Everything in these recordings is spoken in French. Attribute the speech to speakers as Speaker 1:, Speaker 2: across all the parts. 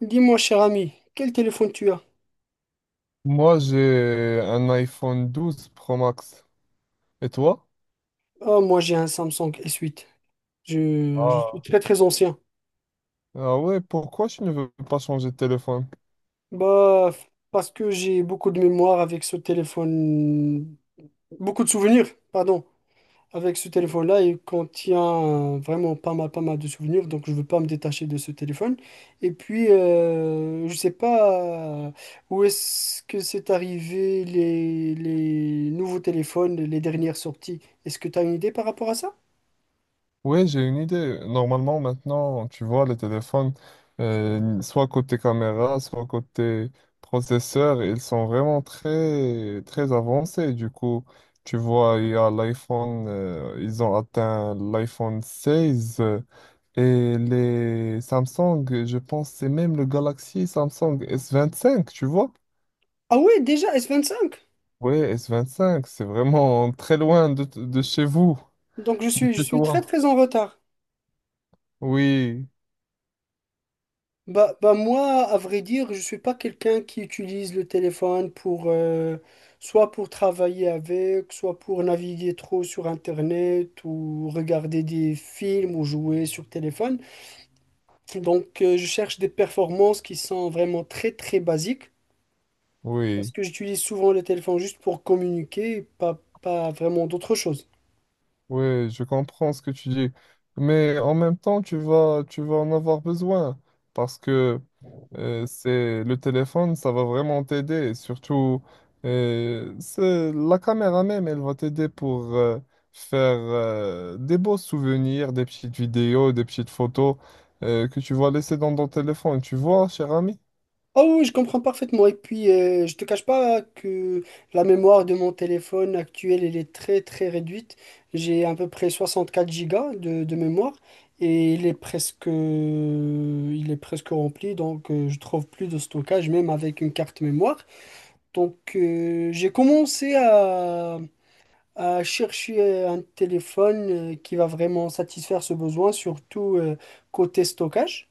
Speaker 1: Dis-moi, cher ami, quel téléphone tu as?
Speaker 2: Moi, j'ai un iPhone 12 Pro Max. Et toi?
Speaker 1: Ah, moi, j'ai un Samsung S8. Je suis
Speaker 2: Ah.
Speaker 1: très, très ancien.
Speaker 2: Ah ouais, pourquoi tu ne veux pas changer de téléphone?
Speaker 1: Bah, parce que j'ai beaucoup de mémoire avec ce téléphone, beaucoup de souvenirs, pardon, avec ce téléphone-là. Il contient vraiment pas mal, pas mal de souvenirs, donc je veux pas me détacher de ce téléphone. Et puis, je sais pas où est-ce que c'est arrivé les nouveaux téléphones, les dernières sorties. Est-ce que tu as une idée par rapport à ça?
Speaker 2: Oui, j'ai une idée. Normalement, maintenant, tu vois, les téléphones, soit côté caméra, soit côté processeur, ils sont vraiment très, très avancés. Du coup, tu vois, il y a l'iPhone, ils ont atteint l'iPhone 16 et les Samsung, je pense, c'est même le Galaxy Samsung S25, tu vois?
Speaker 1: Ah ouais, déjà S25.
Speaker 2: Ouais, S25, c'est vraiment très loin de, de chez vous.
Speaker 1: Donc
Speaker 2: De
Speaker 1: je
Speaker 2: chez
Speaker 1: suis très
Speaker 2: toi.
Speaker 1: très en retard.
Speaker 2: Oui,
Speaker 1: Bah, bah moi, à vrai dire, je suis pas quelqu'un qui utilise le téléphone pour soit pour travailler avec, soit pour naviguer trop sur Internet ou regarder des films ou jouer sur téléphone. Donc je cherche des performances qui sont vraiment très très basiques parce
Speaker 2: oui,
Speaker 1: que j'utilise souvent le téléphone juste pour communiquer, pas vraiment d'autre chose.
Speaker 2: oui, je comprends ce que tu dis. Mais en même temps, tu vas en avoir besoin parce que c'est le téléphone, ça va vraiment t'aider. Surtout, c'est la caméra même, elle va t'aider pour faire des beaux souvenirs, des petites vidéos, des petites photos que tu vas laisser dans ton téléphone. Tu vois, cher ami?
Speaker 1: Ah oui, oui, je comprends parfaitement. Et puis, je te cache pas que la mémoire de mon téléphone actuel, elle est très très réduite. J'ai à peu près 64 gigas de mémoire et il est presque rempli, donc je trouve plus de stockage, même avec une carte mémoire. Donc, j'ai commencé à chercher un téléphone qui va vraiment satisfaire ce besoin, surtout côté stockage.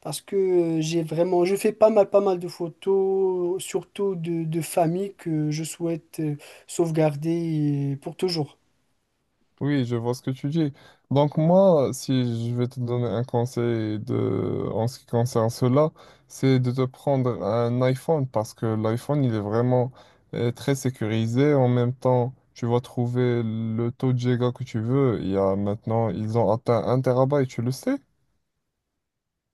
Speaker 1: Parce que j'ai vraiment, je fais pas mal, pas mal de photos, surtout de famille que je souhaite sauvegarder pour toujours.
Speaker 2: Oui, je vois ce que tu dis. Donc moi, si je vais te donner un conseil de, en ce qui concerne cela, c'est de te prendre un iPhone parce que l'iPhone, il est vraiment très sécurisé. En même temps, tu vas trouver le taux de giga que tu veux. Il y a maintenant, ils ont atteint un terabyte, tu le sais?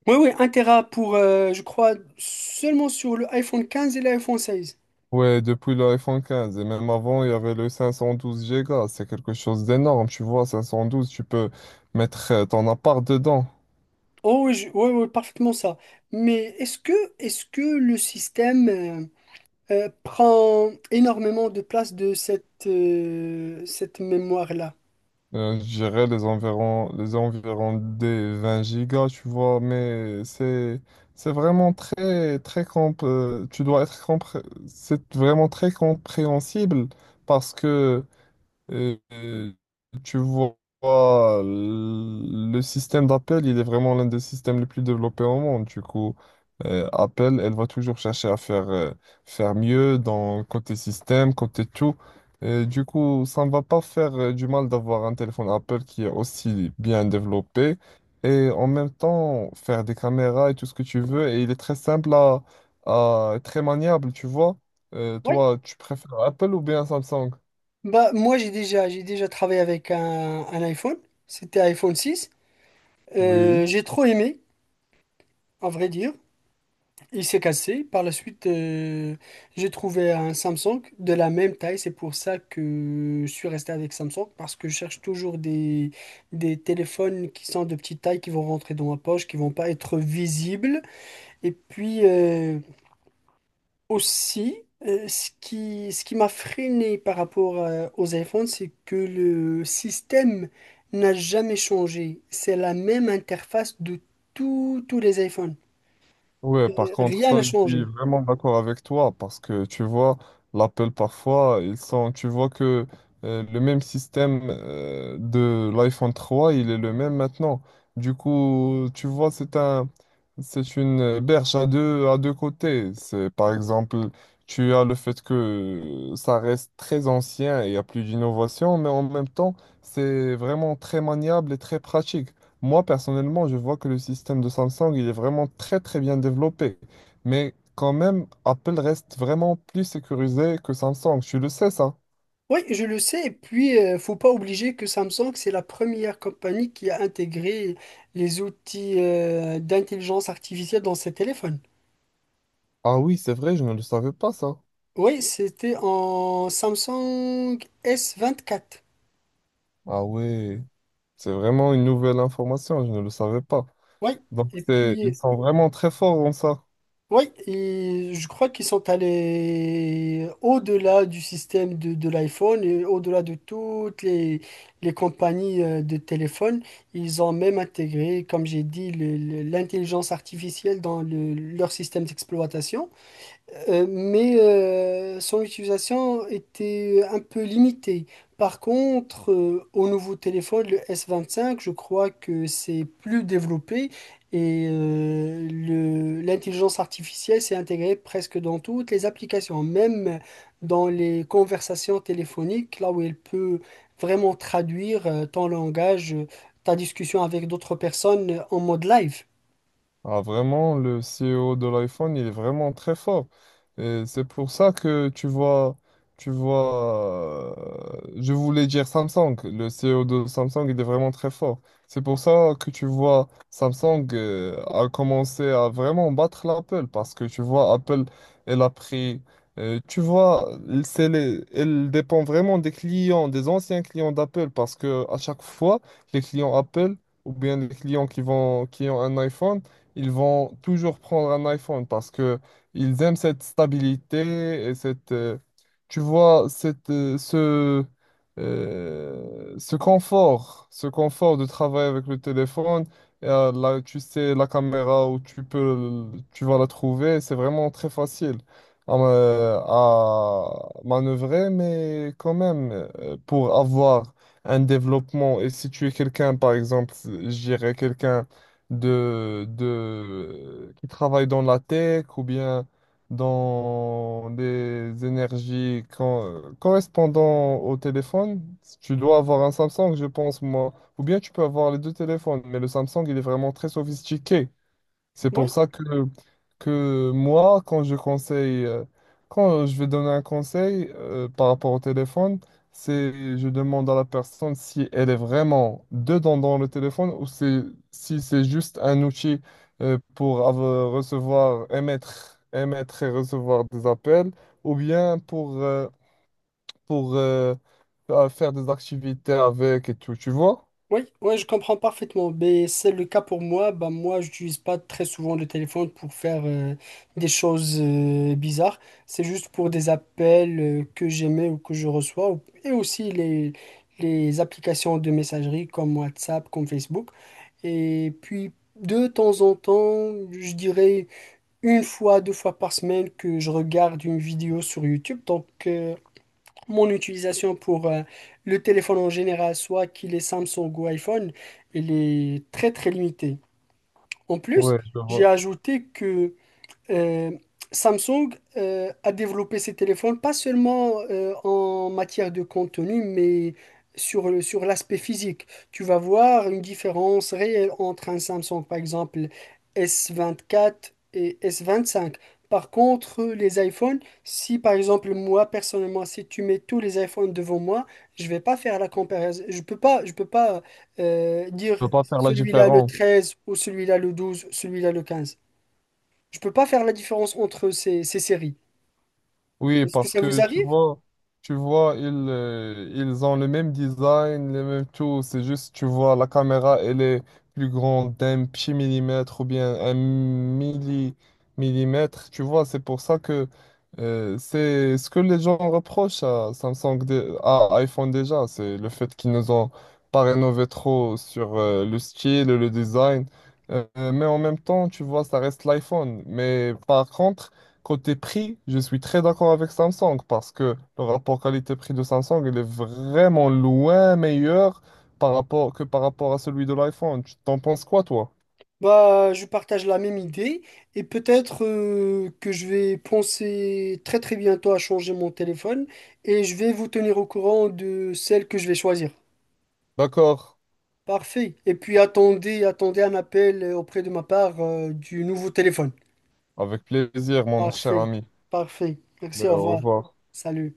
Speaker 1: Oui, oui, 1 Tera pour je crois, seulement sur le iPhone 15 et l'iPhone 16.
Speaker 2: Ouais, depuis l'iPhone 15. Et même avant, il y avait le 512 giga. C'est quelque chose d'énorme. Tu vois, 512, tu peux mettre ton appart dedans.
Speaker 1: Oh oui, oui, oui, parfaitement ça. Mais est-ce que le système prend énormément de place de cette mémoire-là?
Speaker 2: Je dirais les environs des 20 gigas, tu vois, mais c'est vraiment tu dois être c'est vraiment très compréhensible parce que et tu vois, le système d'Apple, il est vraiment l'un des systèmes les plus développés au monde. Du coup, Apple, elle va toujours chercher à faire mieux dans côté système, côté tout. Et du coup, ça ne va pas faire du mal d'avoir un téléphone Apple qui est aussi bien développé et en même temps faire des caméras et tout ce que tu veux. Et il est très simple très maniable, tu vois.
Speaker 1: Oui.
Speaker 2: Toi, tu préfères Apple ou bien Samsung?
Speaker 1: Bah, moi, j'ai déjà travaillé avec un iPhone. C'était iPhone 6.
Speaker 2: Oui.
Speaker 1: J'ai trop aimé, à vrai dire. Il s'est cassé. Par la suite, j'ai trouvé un Samsung de la même taille. C'est pour ça que je suis resté avec Samsung, parce que je cherche toujours des téléphones qui sont de petite taille, qui vont rentrer dans ma poche, qui vont pas être visibles. Et puis aussi, ce qui m'a freiné par rapport aux iPhones, c'est que le système n'a jamais changé. C'est la même interface de tous les iPhones.
Speaker 2: Ouais, par contre,
Speaker 1: Rien
Speaker 2: ça,
Speaker 1: n'a
Speaker 2: je suis
Speaker 1: changé.
Speaker 2: vraiment d'accord avec toi parce que tu vois, l'Apple parfois, tu vois que le même système de l'iPhone 3, il est le même maintenant. Du coup, tu vois, c'est une berge à à deux côtés. C'est, par exemple, tu as le fait que ça reste très ancien et il y a plus d'innovation, mais en même temps, c'est vraiment très maniable et très pratique. Moi, personnellement, je vois que le système de Samsung, il est vraiment très, très bien développé. Mais quand même, Apple reste vraiment plus sécurisé que Samsung. Tu le sais, ça?
Speaker 1: Oui, je le sais. Et puis, faut pas obliger que Samsung, c'est la première compagnie qui a intégré les outils d'intelligence artificielle dans ses téléphones.
Speaker 2: Ah oui, c'est vrai, je ne le savais pas, ça.
Speaker 1: Oui, c'était en Samsung S24.
Speaker 2: Ah oui, c'est vraiment une nouvelle information, je ne le savais pas.
Speaker 1: Oui.
Speaker 2: Donc,
Speaker 1: Et
Speaker 2: c'est, ils
Speaker 1: puis,
Speaker 2: sont vraiment très forts en ça.
Speaker 1: oui, et je crois qu'ils sont allés au-delà du système de l'iPhone et au-delà de toutes les compagnies de téléphones. Ils ont même intégré, comme j'ai dit, l'intelligence artificielle dans leur système d'exploitation. Mais son utilisation était un peu limitée. Par contre, au nouveau téléphone, le S25, je crois que c'est plus développé et l'intelligence artificielle s'est intégrée presque dans toutes les applications, même dans les conversations téléphoniques, là où elle peut vraiment traduire ton langage, ta discussion avec d'autres personnes en mode live.
Speaker 2: Ah, vraiment, le CEO de l'iPhone, il est vraiment très fort. Et c'est pour ça que tu vois, je voulais dire Samsung. Le CEO de Samsung, il est vraiment très fort. C'est pour ça que tu vois, Samsung, a commencé à vraiment battre l'Apple parce que tu vois, Apple, elle a pris, tu vois, elle dépend vraiment des clients, des anciens clients d'Apple parce que à chaque fois, les clients Apple ou bien les clients qui ont un iPhone, ils vont toujours prendre un iPhone parce que ils aiment cette stabilité et tu vois, ce confort de travailler avec le téléphone. Et, là, tu sais, la caméra où tu vas la trouver, c'est vraiment très facile à manœuvrer, mais quand même, pour avoir un développement, et si tu es quelqu'un, par exemple, je dirais quelqu'un qui travaillent dans la tech ou bien dans des énergies correspondant au téléphone. Tu dois avoir un Samsung, je pense, moi. Ou bien tu peux avoir les deux téléphones, mais le Samsung, il est vraiment très sophistiqué. C'est
Speaker 1: Ouais.
Speaker 2: pour ça que moi, quand je vais donner un conseil par rapport au téléphone, c'est je demande à la personne si elle est vraiment dedans dans le téléphone ou si c'est juste un outil pour recevoir, émettre et recevoir des appels ou bien pour faire des activités avec et tout, tu vois?
Speaker 1: Oui, ouais, je comprends parfaitement. Mais c'est le cas pour moi. Bah, moi, je n'utilise pas très souvent le téléphone pour faire des choses bizarres. C'est juste pour des appels que j'aimais ou que je reçois. Et aussi les applications de messagerie comme WhatsApp, comme Facebook. Et puis, de temps en temps, je dirais une fois, deux fois par semaine que je regarde une vidéo sur YouTube. Donc, mon utilisation pour le téléphone en général, soit qu'il est Samsung ou iPhone, il est très très limité. En plus,
Speaker 2: Ouais, je
Speaker 1: j'ai
Speaker 2: vois.
Speaker 1: ajouté que euh, Samsung a développé ses téléphones pas seulement en matière de contenu, mais sur l'aspect physique. Tu vas voir une différence réelle entre un Samsung, par exemple, S24 et S25. Par contre, les iPhones, si par exemple moi personnellement, si tu mets tous les iPhones devant moi, je vais pas faire la comparaison. Je peux pas dire
Speaker 2: Je peux pas faire la
Speaker 1: celui-là le
Speaker 2: différence.
Speaker 1: 13 ou celui-là le 12, celui-là le 15. Je peux pas faire la différence entre ces séries.
Speaker 2: Oui,
Speaker 1: Est-ce que
Speaker 2: parce
Speaker 1: ça vous
Speaker 2: que
Speaker 1: arrive?
Speaker 2: tu vois, ils ont le même design, les mêmes tout. C'est juste, tu vois, la caméra, elle est plus grande d'un petit millimètre ou bien un millimètre. Tu vois, c'est pour ça que c'est ce que les gens reprochent à à iPhone déjà, c'est le fait qu'ils nous ont pas rénové trop sur le style et le design. Euh, mais en même temps, tu vois, ça reste l'iPhone. Mais par contre, côté prix, je suis très d'accord avec Samsung parce que le rapport qualité-prix de Samsung, il est vraiment loin meilleur que par rapport à celui de l'iPhone. Tu t'en penses quoi, toi?
Speaker 1: Bah, je partage la même idée et peut-être que je vais penser très très bientôt à changer mon téléphone et je vais vous tenir au courant de celle que je vais choisir.
Speaker 2: D'accord.
Speaker 1: Parfait. Et puis attendez, attendez un appel auprès de ma part du nouveau téléphone.
Speaker 2: Avec plaisir, mon cher
Speaker 1: Parfait.
Speaker 2: ami.
Speaker 1: Parfait. Merci,
Speaker 2: Ben,
Speaker 1: au
Speaker 2: au
Speaker 1: revoir.
Speaker 2: revoir.
Speaker 1: Salut.